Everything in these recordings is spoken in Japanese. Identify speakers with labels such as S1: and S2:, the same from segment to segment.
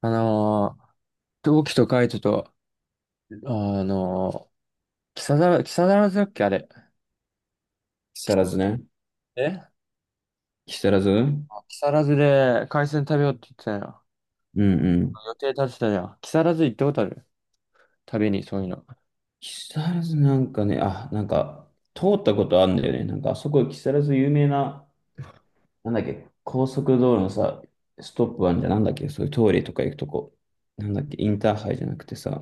S1: あのー、同期とカイトと、あのー、木更津だっけあれ。
S2: 木
S1: 木
S2: 更
S1: 更
S2: 津ね。
S1: 津、え
S2: 木更津。うん
S1: あ、木更津で海鮮食べようって言ってたよ。
S2: うん。
S1: 予定立てたじゃん。木更津行ったことある？食べに、そういうの。
S2: 木更津なんかね、あ、なんか、通ったことあるんだよね。なんか、あそこ、木更津有名な、なんだっけ、高速道路のさ、ストップあんじゃん。なんだっけ、そういう通りとか行くとこ。なんだっけ、インターハイじゃなくてさ、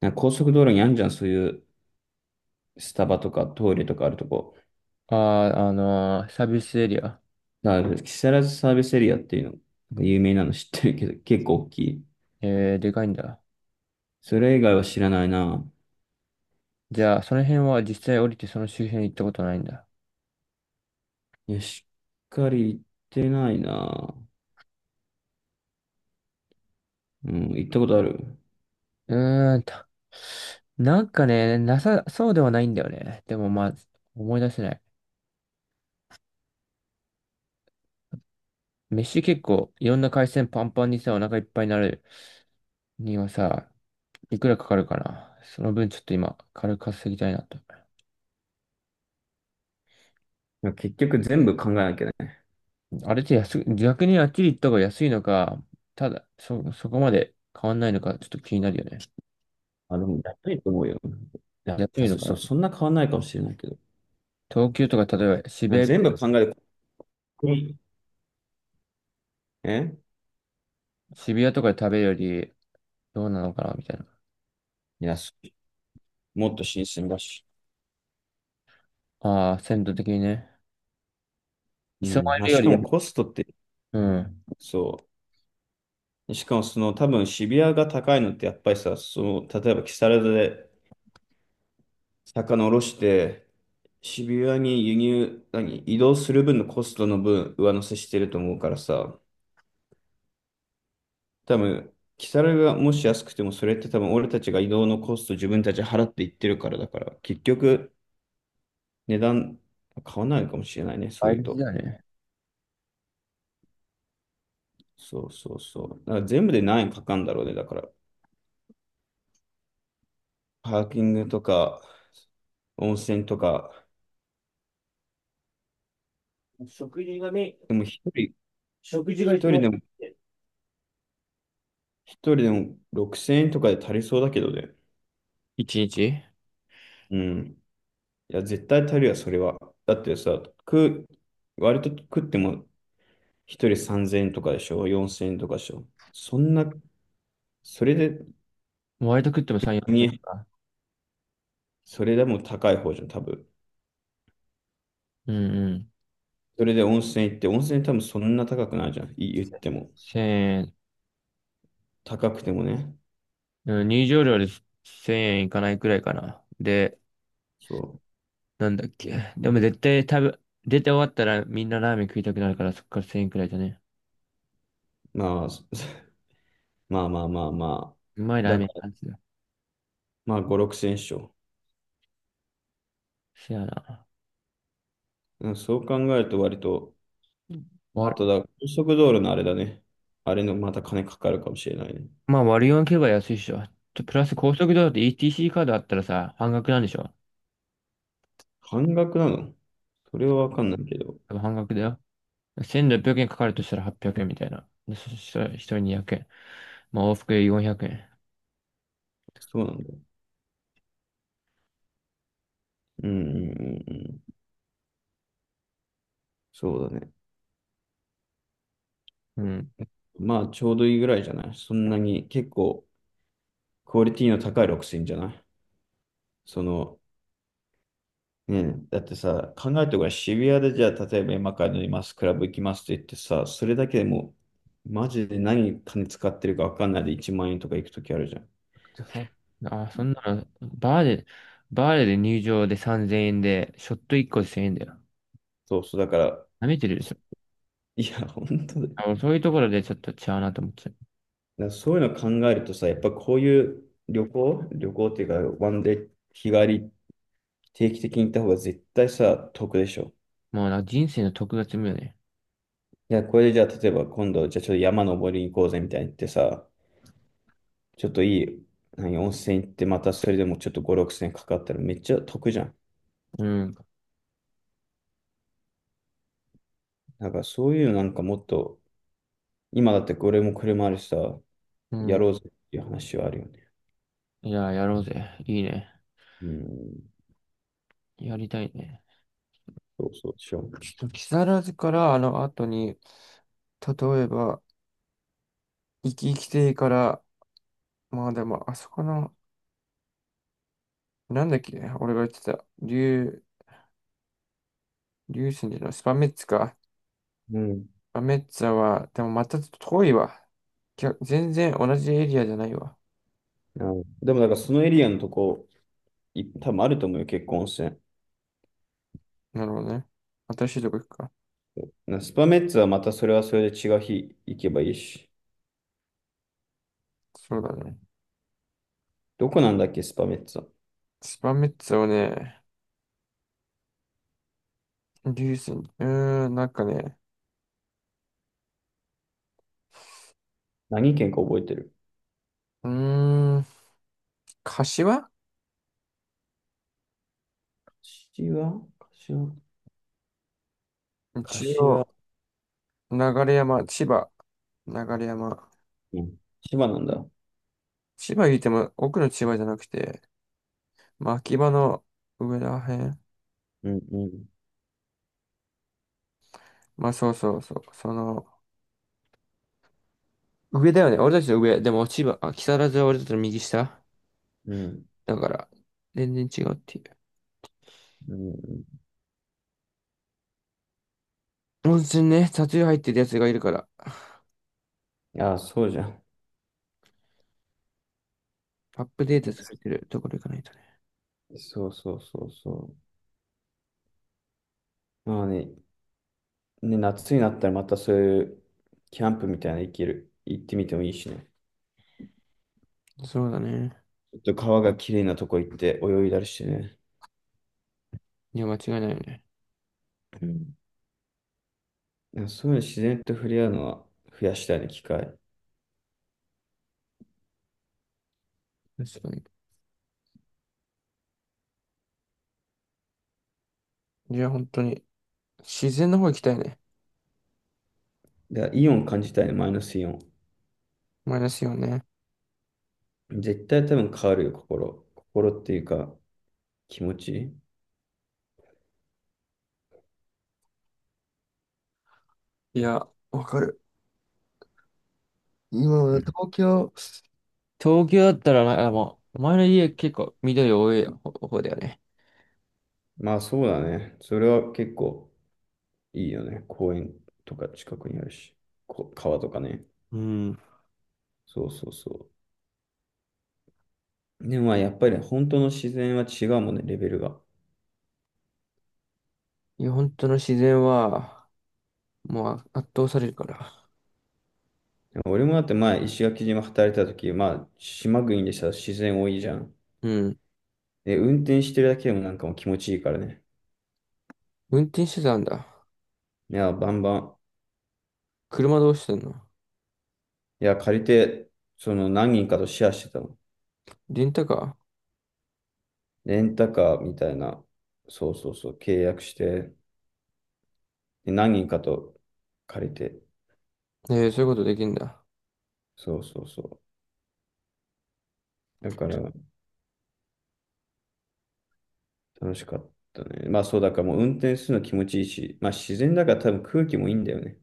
S2: なんか高速道路にあんじゃん、そういうスタバとか通りとかあるとこ。
S1: ああ、サービスエリア。
S2: だから木更津サービスエリアっていうの、なんか有名なの 知ってるけど、結構大きい。
S1: えー、でかいんだ。
S2: それ以外は知らないな。
S1: じゃあ、その辺は実際降りてその周辺に行ったことないんだ？
S2: いや、しっかり行ってないな。うん、行ったことある。
S1: うーんと。なんかね、なさそうではないんだよね。でもまあ、思い出せない。飯結構いろんな海鮮パンパンにさ、お腹いっぱいになるにはさ、いくらかかるかな。その分ちょっと今、軽く稼ぎたいなと。
S2: 結局全部考えなきゃいけない。
S1: あれって安く、逆にあっちり行った方が安いのか、ただ、そこまで変わんないのか、ちょっと気になるよね。
S2: あ、でも、やっぱりと思うよ。いや、
S1: 安いの
S2: そ、
S1: か
S2: そ
S1: な。
S2: そんな変わんないかもしれないけど。
S1: 東京とか、例えば
S2: 全部考えて、ここにえ
S1: 渋谷とかで食べるより、どうなのかな、みたいな。
S2: 安いもっと新鮮だし。
S1: ああ、鮮度的にね。
S2: う
S1: 磯
S2: ん。まあ、
S1: 丸よ
S2: し
S1: り
S2: か
S1: や、
S2: もコストって、
S1: うん。
S2: そう。しかもその多分渋谷が高いのってやっぱりさ、その、例えば木更津で魚下ろして、渋谷に輸入、何、移動する分のコストの分上乗せしてると思うからさ、多分、キサラがもし安くても、それって多分俺たちが移動のコスト自分たち払っていってるからだから、結局値段買わないかもしれないね、そう
S1: 倍
S2: いう
S1: 率だ
S2: と。
S1: よね。
S2: そうそうそう。だから全部で何円かかるんだろうね、だから。パーキングとか、温泉とか、
S1: 食事がね、
S2: でも
S1: 食事が一
S2: 一人
S1: 番。
S2: でも、一人でも6000円とかで足りそうだけどね。
S1: 一日
S2: うん。いや、絶対足りるわ、それは。だってさ、割と食っても一人3000円とかでしょ、4000円とかでしょ。そんなそれで、
S1: 割と食っても3、4千円
S2: に
S1: か。
S2: それでも高い方じゃん、多分。
S1: うんうん。
S2: それで温泉行って、温泉多分そんな高くないじゃん、言っ
S1: せ0
S2: ても。
S1: 0
S2: 高くてもね。
S1: うん、入場料で1000円いかないくらいかな。で、
S2: そ
S1: なんだっけ。でも絶対出て終わったらみんなラーメン食いたくなるからそっから1000円くらいだね。
S2: う。まあ、まあまあまあまあ。
S1: うまいラー
S2: だか
S1: メン
S2: ら、
S1: なんですよ。
S2: まあ5、6千勝。
S1: せやな。
S2: うんそう考えると割と、
S1: うん。
S2: あ
S1: わ、
S2: とだ、高速道路のあれだね。あれのまた金かかるかもしれないね。
S1: まあ割り勘けば安いっしょ。とプラス高速道路で ETC カードあったらさ、半額なんでしょ？
S2: 半額なの？それはわかんないけど。
S1: 多分半額だよ。1600円かかるとしたら800円みたいな。でそしたら1人200円。まあ往復で400円。
S2: そうなんだよ。うんうんうんうん。そうだね。
S1: うん。
S2: まあちょうどいいぐらいじゃない？そんなに結構、クオリティの高いロックスいいんじゃない？その、ね、だってさ、考えてごらん、渋谷でじゃあ、例えば今から乗ります、クラブ行きますって言ってさ、それだけでもう、マジで何金使ってるか分かんないで1万円とか行くときあるじゃん。
S1: じゃそ、あ、そんなの、バーで入場で3000円で、ショット1個で1000円だよ。
S2: そうそう、だから、
S1: 舐めてるでしょ。
S2: いや、本当だよ。だ
S1: あ、もう
S2: か
S1: そういうところでちょっと違うなと思っちゃう。
S2: らそういうの考えるとさ、やっぱこういう旅行っていうか、ワンデー、日帰り、定期的に行った方が絶対さ、得でしょ。
S1: もうなんか人生の特積むよね。
S2: いや、これでじゃあ、例えば今度、じゃあちょっと山登りに行こうぜみたいに言ってさ、ちょっといい、何、温泉行ってまたそれでもちょっと5、6千円かかったらめっちゃ得じゃん。
S1: うん。
S2: だからそういうのなんかもっと、今だってこれも車あるしさ、
S1: う
S2: や
S1: ん。
S2: ろうぜっていう話はあるよね。
S1: いや、やろうぜ。いいね。
S2: うん、
S1: やりたいね。
S2: そうそうしよう。
S1: ちょっと木更津からあの後に、例えば、生き生き亭から、まあでも、あそこの、なんだっけ、俺が言ってた、竜神じゃない、スパメッツか。
S2: うん。
S1: まあメッツァは、でもまたちょっと遠いわ。全然同じエリアじゃないわ。
S2: あのでもだからそのエリアのとこ、多分あると思うよ、結構温泉。
S1: なるほどね。新しいとこ行くか。
S2: スパメッツはまたそれはそれで違う日行けばいいし。
S1: そうだね。
S2: どこなんだっけ、スパメッツは。
S1: スパメッツァをね、リュースに、なんかね、
S2: 何県か覚えてる？
S1: うーん、柏
S2: 柏、柏、
S1: 一
S2: 柏。
S1: 応、流山、千葉、流山。
S2: うん。千葉なんだ。
S1: 千葉言っても奥の千葉じゃなくて、まあ、秋葉の上らへん。
S2: うんうん。
S1: まあ、そうそうそう。その、上だよね。俺たちの上。でも千葉、あ、木更津は俺たちの右下。
S2: うん。
S1: だから、全然違うっていう。
S2: うん。
S1: 温泉ね、タトゥー入ってるやつがいるから、
S2: ああ、そうじゃん。
S1: アップデートされてるところ行かないとね。
S2: そうそうそうそう。まあね、ね、夏になったらまたそういうキャンプみたいなの行ける、行ってみてもいいしね。
S1: そうだね。
S2: ちょっと川が綺麗なとこ行って泳いだりしてね。
S1: いや、間違いないよね。
S2: うん。いやそういうの自然と触れ合うのは増やしたいね、機会。
S1: 確かに。いや、本当に、自然の方行きたいね。
S2: だからイオン感じたいね、マイナスイオン。
S1: マイナスよね。
S2: 絶対多分変わるよ、心。心っていうか、気持ち。
S1: いや、わかる。今
S2: う
S1: は
S2: ん。
S1: 東京だったらな、あもう、前の家結構緑多い方だよね。
S2: まあそうだね。それは結構。いいよね。公園とか近くにあるし、川とかね。
S1: うん。
S2: そうそうそう。でもまあやっぱりね本当の自然は違うもんね、レベルが。
S1: いや、本当の自然は、もう圧倒されるから。
S2: 俺もだって前、石垣島働いてた時、まあ島国でさ、自然多いじゃん。
S1: うん。
S2: で、運転してるだけでもなんかもう気持ちいいからね。
S1: 運転手たんだ？
S2: いや、バンバン。
S1: 車どうしてんの？
S2: いや、借りて、その何人かとシェアしてたの。
S1: レンタカ
S2: レンタカーみたいな、そうそうそう、契約して、で何人かと借りて、
S1: ー、ええ、そういうことできんだ。
S2: そうそうそう。だから、楽しかったね。まあそうだからもう運転するの気持ちいいし、まあ自然だから多分空気もいいんだよね。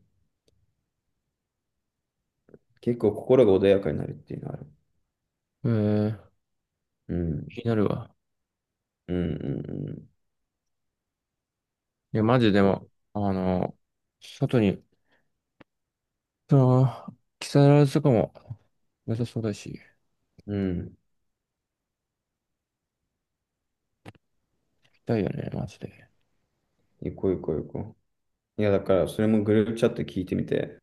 S2: 結構心が穏やかになるっていうのはある。
S1: ええ、
S2: う
S1: 気
S2: ん。
S1: になるわ。
S2: うんうんうん。
S1: いや、マジで
S2: そう。
S1: も、外に、木更津とかも良さそうだし、行
S2: うん。
S1: きたいよね、マジで。
S2: 行こう行こう行こう。いやだからそれもグループチャット聞いてみて、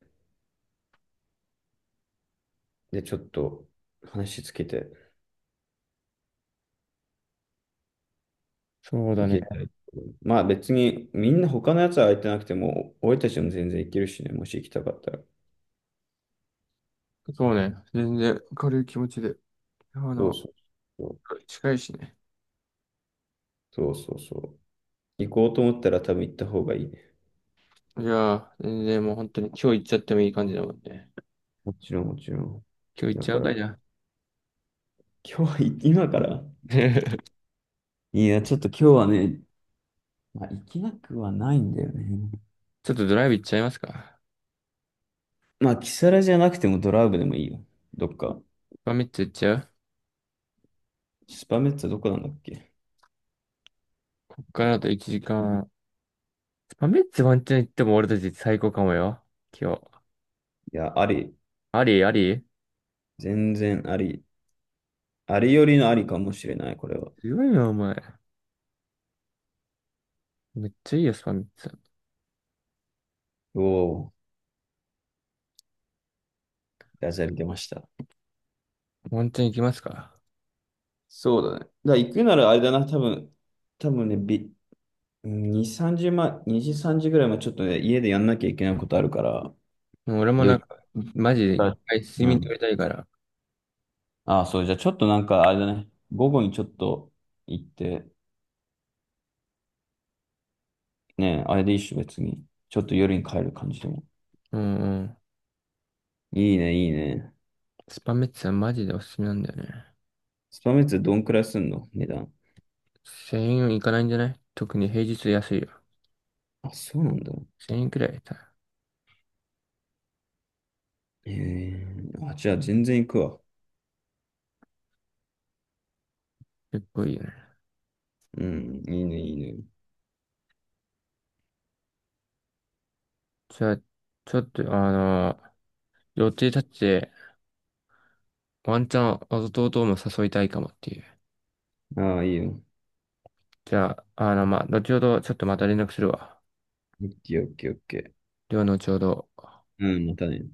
S2: でちょっと話つけて
S1: そうだ
S2: い
S1: ね。
S2: けたらいいと思う。まあ別にみんな他のやつは空いてなくても、俺たちも全然行けるしね、もし行きたかったら。
S1: そうね。全然軽い気持ちで。あ
S2: そう
S1: の、
S2: そうそう。
S1: 近いしね。
S2: そうそうそう。行こうと思ったら多分行った方がいいね。
S1: いやー、全然もう本当に今日行っちゃってもいい感じだもんね。
S2: もちろんもちろん。
S1: 今日行っ
S2: だ
S1: ちゃ
S2: か
S1: う
S2: ら
S1: かじゃあ。
S2: 今日は、今から いや、ちょっと今日はね、まあ、行きなくはないんだよね。
S1: ちょっとドライブ行っちゃいますか。
S2: まあ、キサラじゃなくてもドライブでもいいよ。どっか。
S1: スパメッツ行っちゃう？
S2: スパメッツァどこなんだっけ？
S1: こっからだと1時間。スパメッツワンチャン行っても俺たち最高かもよ。今日。
S2: いや、あり。
S1: ありあり、
S2: 全然あり。ありよりのありかもしれない、これは。
S1: 強いな、お前。めっちゃいいよ、スパメッツ。
S2: おお、ダジャレ出ました。
S1: ワンチャン行きますか。
S2: そうだね。だから行くならあれだな、多分ね、2、3時前、2時、3時ぐらいまでちょっとね、家でやんなきゃいけないことあるから、
S1: もう俺も
S2: 4
S1: なん
S2: 時
S1: か、マジで
S2: か
S1: 一
S2: ら、
S1: 回睡
S2: う
S1: 眠取
S2: ん。
S1: りたいから。
S2: ああ、そう、じゃあちょっとなんか、あれだね。午後にちょっと行って、ね、あれでいいっしょ、別に。ちょっと夜に帰る感じでも。
S1: うんうん。
S2: いいね、いいね。
S1: スパメッツはマジでおすすめなんだよね。
S2: スパメッツどんくらいすんの、値段？
S1: 1000円いかないんじゃない？特に平日安いよ。
S2: あ、そうなんだ。
S1: 1000円くらいだ。
S2: ええ、あ、じゃあ全然行くわ。
S1: 結構いいよね。
S2: うん、いいね、いいね。
S1: じゃあ、ちょっと、予定立ってて、ワンチャン弟も誘いたいかもっていう。
S2: ああ、いいよ。
S1: じゃあ、まあ、後ほどちょっとまた連絡するわ。
S2: オッケー、オッケー、オッケー。
S1: 量のちょうど。
S2: うん、またね。